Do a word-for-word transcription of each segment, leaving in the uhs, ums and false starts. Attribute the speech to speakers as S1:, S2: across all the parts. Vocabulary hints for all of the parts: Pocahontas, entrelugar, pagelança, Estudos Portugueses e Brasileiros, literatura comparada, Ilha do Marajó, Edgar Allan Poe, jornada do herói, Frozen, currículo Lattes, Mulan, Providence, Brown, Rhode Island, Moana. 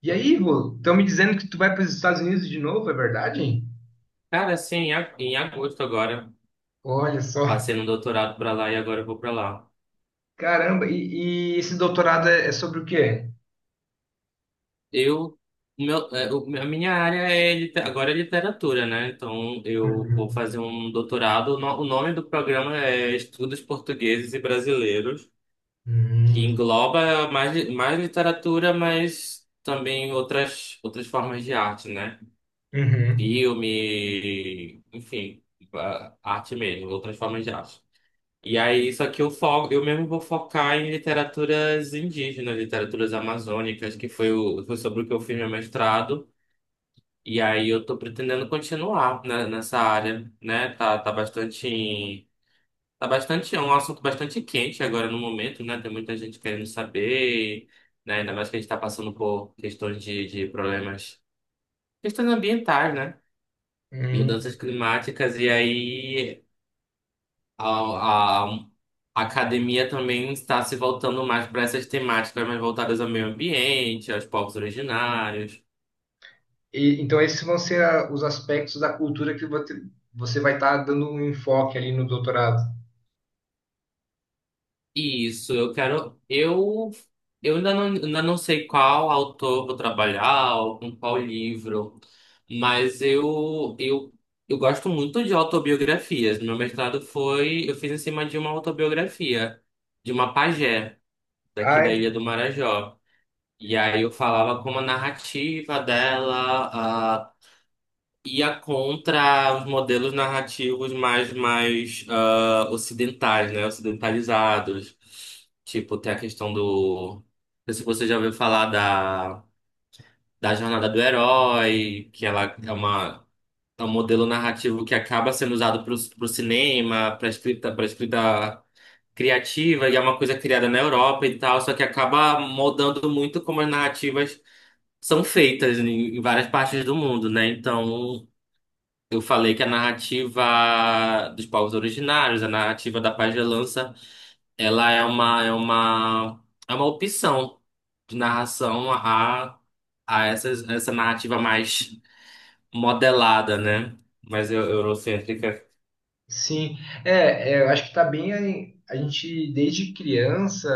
S1: E aí, Rô, estão me dizendo que tu vai para os Estados Unidos de novo, é verdade?
S2: Cara, assim, em ag- em agosto agora,
S1: Olha só.
S2: passei no doutorado pra lá e agora eu vou pra lá.
S1: Caramba, e, e esse doutorado é, é sobre o quê?
S2: Eu, o meu, é, o- a minha área é, lite- agora é literatura, né? Então eu vou
S1: Uhum.
S2: fazer um doutorado. O no- o nome do programa é Estudos Portugueses e Brasileiros, que
S1: Uhum.
S2: engloba mais, li- mais literatura, mas também outras, outras formas de arte, né?
S1: Uhum.
S2: Filme, enfim, a- arte mesmo, outras formas de arte. E aí, só que eu foco, eu mesmo vou focar em literaturas indígenas, literaturas amazônicas, que foi, o, foi sobre o que eu fiz meu mestrado. E aí eu tô pretendendo continuar, né, nessa área, né? Tá, tá bastante, tá bastante, é um assunto bastante quente agora no momento, né? Tem muita gente querendo saber, né? Ainda mais que a gente tá passando por questões de, de problemas, questões ambientais, né?
S1: Uhum.
S2: Mudanças climáticas, e aí A, a- a academia também está se voltando mais para essas temáticas mais voltadas ao meio ambiente, aos povos originários.
S1: E então, esses vão ser a- os aspectos da cultura que vo- você vai estar dando um enfoque ali no doutorado.
S2: Isso, eu quero. Eu, eu ainda não, ainda não sei qual autor vou trabalhar ou com qual livro, mas eu, eu, eu gosto muito de autobiografias. Meu mestrado foi. Eu fiz em cima de uma autobiografia, de uma pajé, daqui da
S1: Ah,
S2: Ilha do Marajó. E aí eu falava como a narrativa dela ia contra os modelos narrativos mais, mais ah, ocidentais, né? Ocidentalizados. Tipo, tem a questão do. Não sei se você já ouviu falar da, da jornada do herói, que ela é uma. É um modelo narrativo que acaba sendo usado para o cinema, para escrita, para escrita criativa, e é uma coisa criada na Europa e tal, só que acaba moldando muito como as narrativas são feitas em, em várias partes do mundo, né? Então, eu falei que a narrativa dos povos originários, a narrativa da pagelança, ela é uma, é uma, é uma opção de narração a, a essa, essa narrativa mais modelada, né? Mais eu- eurocêntrica.
S1: sim. É, é, eu acho que tá bem. aí, a gente, desde criança,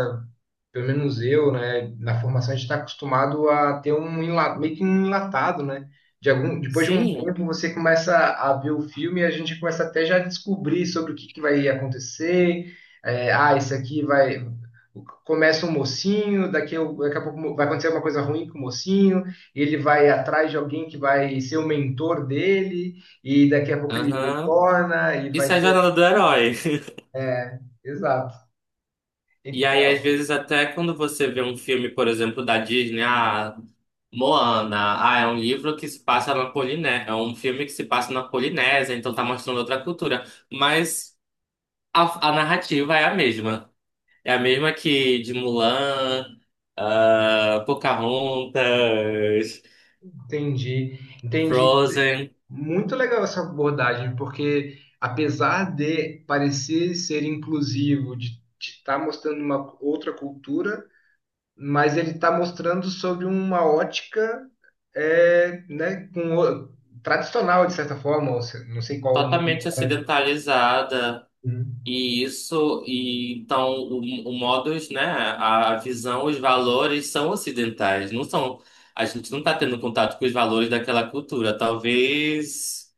S1: pelo menos eu, né, na formação a gente está acostumado a ter um enla- meio que um enlatado, né? De algum, depois de um
S2: Sim,
S1: tempo, você começa a ver o filme e a gente começa até já a descobrir sobre o que, que vai acontecer. É, ah, isso aqui vai. Começa um mocinho, daqui a, daqui a pouco vai acontecer uma coisa ruim com o mocinho, ele vai atrás de alguém que vai ser o mentor dele, e daqui a pouco ele
S2: aham.
S1: retorna e
S2: Isso
S1: vai
S2: é a
S1: ter.
S2: jornada do herói.
S1: é, Exato.
S2: E aí,
S1: Então,
S2: às vezes, até quando você vê um filme, por exemplo, da Disney, ah, Moana, ah, é um livro que se passa na Polinésia, é um filme que se passa na Polinésia, então tá mostrando outra cultura, mas a, a narrativa é a mesma. É a mesma que de Mulan, ah, Pocahontas,
S1: entendi. Entendi.
S2: Frozen,
S1: Muito legal essa abordagem, porque apesar de parecer ser inclusivo, de estar mostrando uma outra cultura, mas ele está mostrando sobre uma ótica, é, né, com o- tradicional, de certa forma, ou se- não sei qual o nome.
S2: totalmente ocidentalizada.
S1: Hum,
S2: E isso, e então o, o modus, né, a visão, os valores são ocidentais, não são. A gente não está tendo contato com os valores daquela cultura, talvez.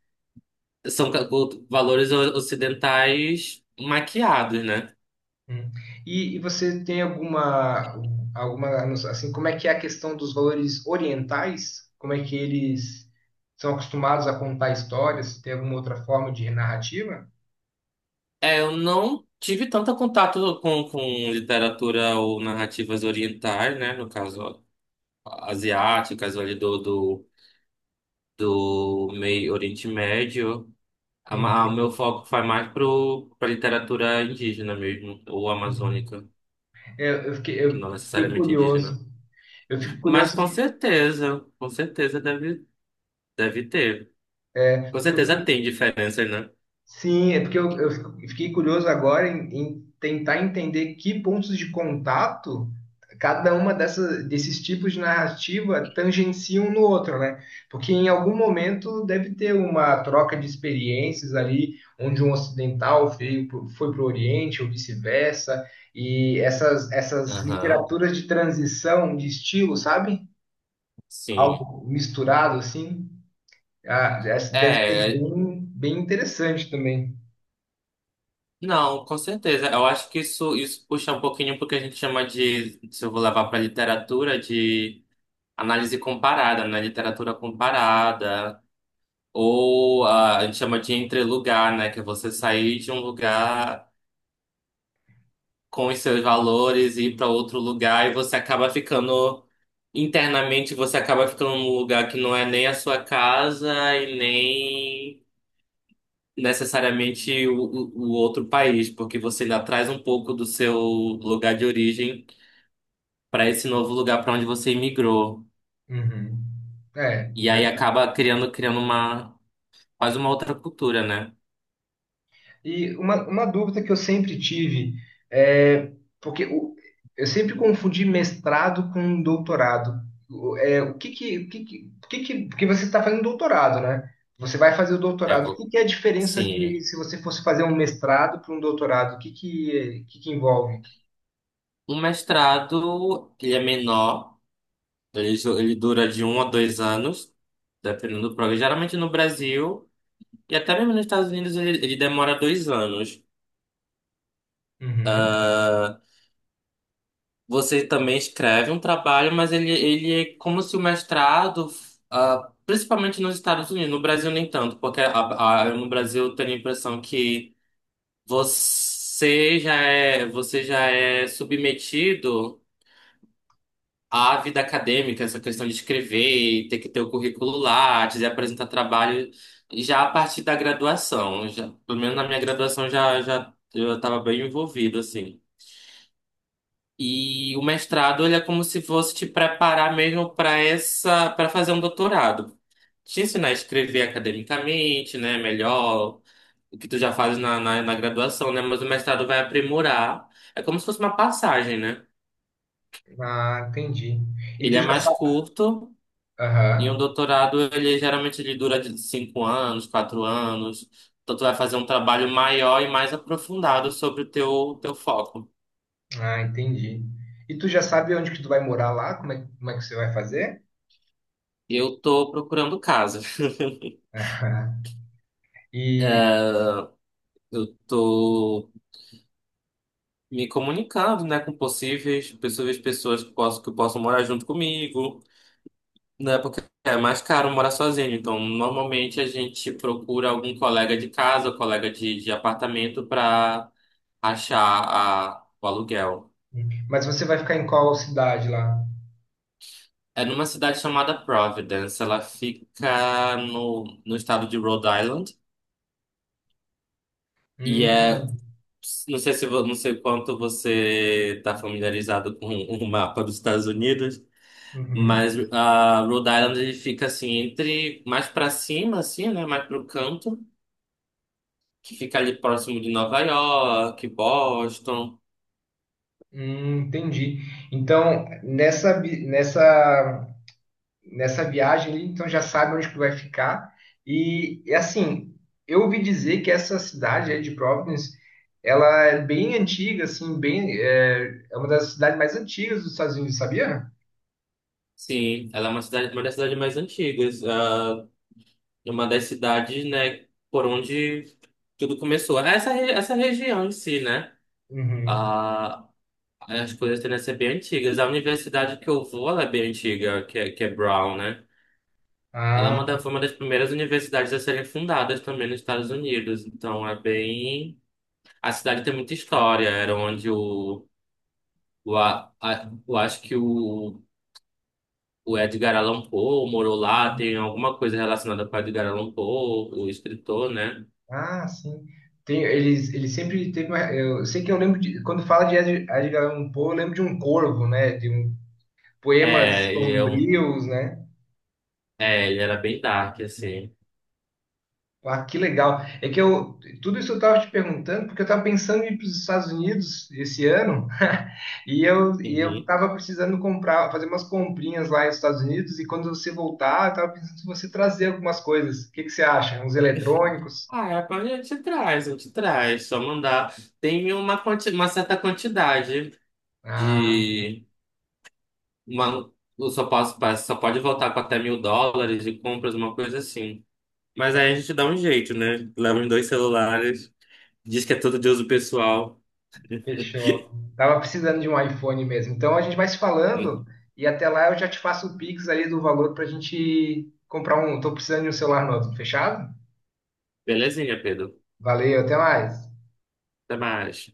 S2: São ca- o- valores o- ocidentais maquiados, né?
S1: hum. E, e você tem alguma, alguma, não sei, assim, como é que é a questão dos valores orientais? Como é que eles são acostumados a contar histórias? Tem alguma outra forma de narrativa?
S2: É, eu não tive tanto contato com, com literatura ou narrativas orientais, né? No caso, asiáticas, ali do, do, do meio Oriente Médio. A ma- O meu
S1: Uhum,
S2: foco vai mais para literatura indígena mesmo, ou
S1: uhum.
S2: amazônica,
S1: É, Eu, fiquei,
S2: que
S1: eu
S2: não
S1: fiquei
S2: necessariamente
S1: curioso.
S2: indígena.
S1: Eu fico
S2: Mas
S1: curioso
S2: com certeza, com certeza deve, deve ter. Com
S1: porque eu,
S2: certeza
S1: fiquei-
S2: tem diferenças, né?
S1: sim, é porque eu, eu fico- fiquei curioso agora em, em tentar entender que pontos de contato cada uma dessa, desses tipos de narrativa tangencia um no outro, né? Porque em algum momento deve ter uma troca de experiências ali, onde um ocidental veio pro- foi para o Oriente ou vice-versa, e essas, essas
S2: Aham,
S1: literaturas de transição de estilo, sabe?
S2: sim.
S1: Algo misturado assim, ah, essa deve ser
S2: É,
S1: bem, bem interessante também.
S2: não, com certeza. Eu acho que isso, isso puxa um pouquinho porque a gente chama de, se eu vou levar para literatura, de análise comparada, né? Literatura comparada. Ou ah, a gente chama de entrelugar, né? Que é você sair de um lugar com os seus valores e ir para outro lugar e você acaba ficando, internamente, você acaba ficando num lugar que não é nem a sua casa e nem necessariamente o, o o outro país, porque você já traz um pouco do seu lugar de origem para esse novo lugar para onde você imigrou.
S1: Uhum. É,
S2: E aí
S1: verdade.
S2: acaba criando, criando uma, quase uma outra cultura, né?
S1: E uma, uma dúvida que eu sempre tive é porque o- eu sempre confundi mestrado com doutorado. O- É, o que que, o que que, o que que- Porque você está fazendo doutorado, né? Você vai fazer o
S2: É,
S1: doutorado. O que
S2: vo-
S1: que é a diferença de
S2: sim.
S1: se você fosse fazer um mestrado para um doutorado? O que que, o que que envolve?
S2: Um mestrado, ele é menor, ele, ju- ele dura de um a dois anos, dependendo do programa. Geralmente no Brasil, e até mesmo nos Estados Unidos, ele, ele demora dois anos.
S1: Uhum.
S2: Você também escreve um trabalho, mas ele, ele é como se o mestrado, ah, principalmente nos Estados Unidos, no Brasil nem tanto, porque a- a- no Brasil eu tenho a impressão que você já é, você já é submetido à vida acadêmica, essa questão de escrever, e ter que ter o currículo Lattes e apresentar trabalho já a partir da graduação. Já, pelo menos na minha graduação já, já eu estava bem envolvido, assim. E o mestrado, ele é como se fosse te preparar mesmo para essa, para fazer um doutorado. Te ensinar a escrever academicamente, né, melhor, o que tu já fazes na, na, na graduação, né, mas o mestrado vai aprimorar. É como se fosse uma passagem, né?
S1: Ah, entendi. E
S2: Ele
S1: tu
S2: é
S1: já
S2: mais
S1: sabe?
S2: curto e
S1: Aham.
S2: um doutorado, ele geralmente ele dura de cinco anos, quatro anos. Então tu vai fazer um trabalho maior e mais aprofundado sobre o teu, teu foco.
S1: Ah, entendi. E tu já sabe onde que tu vai morar lá? Como é, como é que você vai fazer?
S2: Eu tô procurando casa.
S1: E,
S2: Eu tô me comunicando, né, com possíveis, possíveis pessoas que possam, que possam morar junto comigo, né, porque é mais caro morar sozinho. Então, normalmente a gente procura algum colega de casa, colega de, de apartamento para achar a, o aluguel.
S1: mas você vai ficar em qual cidade lá?
S2: É numa cidade chamada Providence, ela fica no, no estado de Rhode Island, e é
S1: Hum,
S2: não sei se vo- não sei quanto você está familiarizado com o mapa dos Estados Unidos.
S1: uhum.
S2: Mas a Rhode Island ele fica assim entre mais pra cima assim, né, mais pro canto, que fica ali próximo de Nova York, Boston.
S1: Hum, entendi. Então, nessa, vi- nessa, nessa viagem ali, então já sabe onde que tu vai ficar. E, e, assim, eu ouvi dizer que essa cidade aí de Providence, ela é bem antiga, assim, bem, é, é uma das cidades mais antigas dos Estados Unidos, sabia?
S2: Sim, ela é uma cidade, uma das cidades mais antigas, ah, é uma das cidades, né, por onde tudo começou. Essa re- essa região em si, né?
S1: Uhum.
S2: ah, as coisas tendem a ser bem antigas. A universidade que eu vou, ela é bem antiga, que é, que é Brown, né? Ela é
S1: Ah,
S2: uma da, foi uma das primeiras universidades a serem fundadas também nos Estados Unidos. Então é bem A cidade tem muita história. Era onde o, o, a, a- eu acho que o, o Edgar Allan Poe morou lá. Tem alguma coisa relacionada com o Edgar Allan Poe, o escritor, né?
S1: ah, sim. Tem, eles, ele sempre teve uma. Eu sei que eu lembro de. Quando fala de Edgar Edgar Allan Poe, eu lembro de um corvo, né? De um poemas
S2: É, ele é, um,
S1: sombrios, né?
S2: é, ele era bem dark, assim.
S1: Ah, que legal. É que eu. Tudo isso eu estava te perguntando, porque eu estava pensando em ir para os Estados Unidos esse ano, e eu, e eu
S2: Uhum.
S1: estava precisando comprar, fazer umas comprinhas lá nos Estados Unidos, e quando você voltar, eu estava pensando se você trazer algumas coisas. O que que você acha? Uns eletrônicos?
S2: Ah, é, a gente traz, a gente traz. Só mandar. Tem uma, quanti, uma certa quantidade
S1: Ah.
S2: de. Uma, eu só posso, só pode voltar com até mil dólares de compras, uma coisa assim. Mas aí a
S1: então
S2: gente dá um jeito, né? Leva os dois celulares. Diz que é tudo de uso pessoal.
S1: fechou. Tava precisando de um iPhone mesmo. Então a gente vai se falando e até lá eu já te faço o Pix ali do valor pra gente comprar um. Tô precisando de um celular novo, fechado?
S2: Belezinha, Pedro.
S1: Valeu, até mais.
S2: Até mais.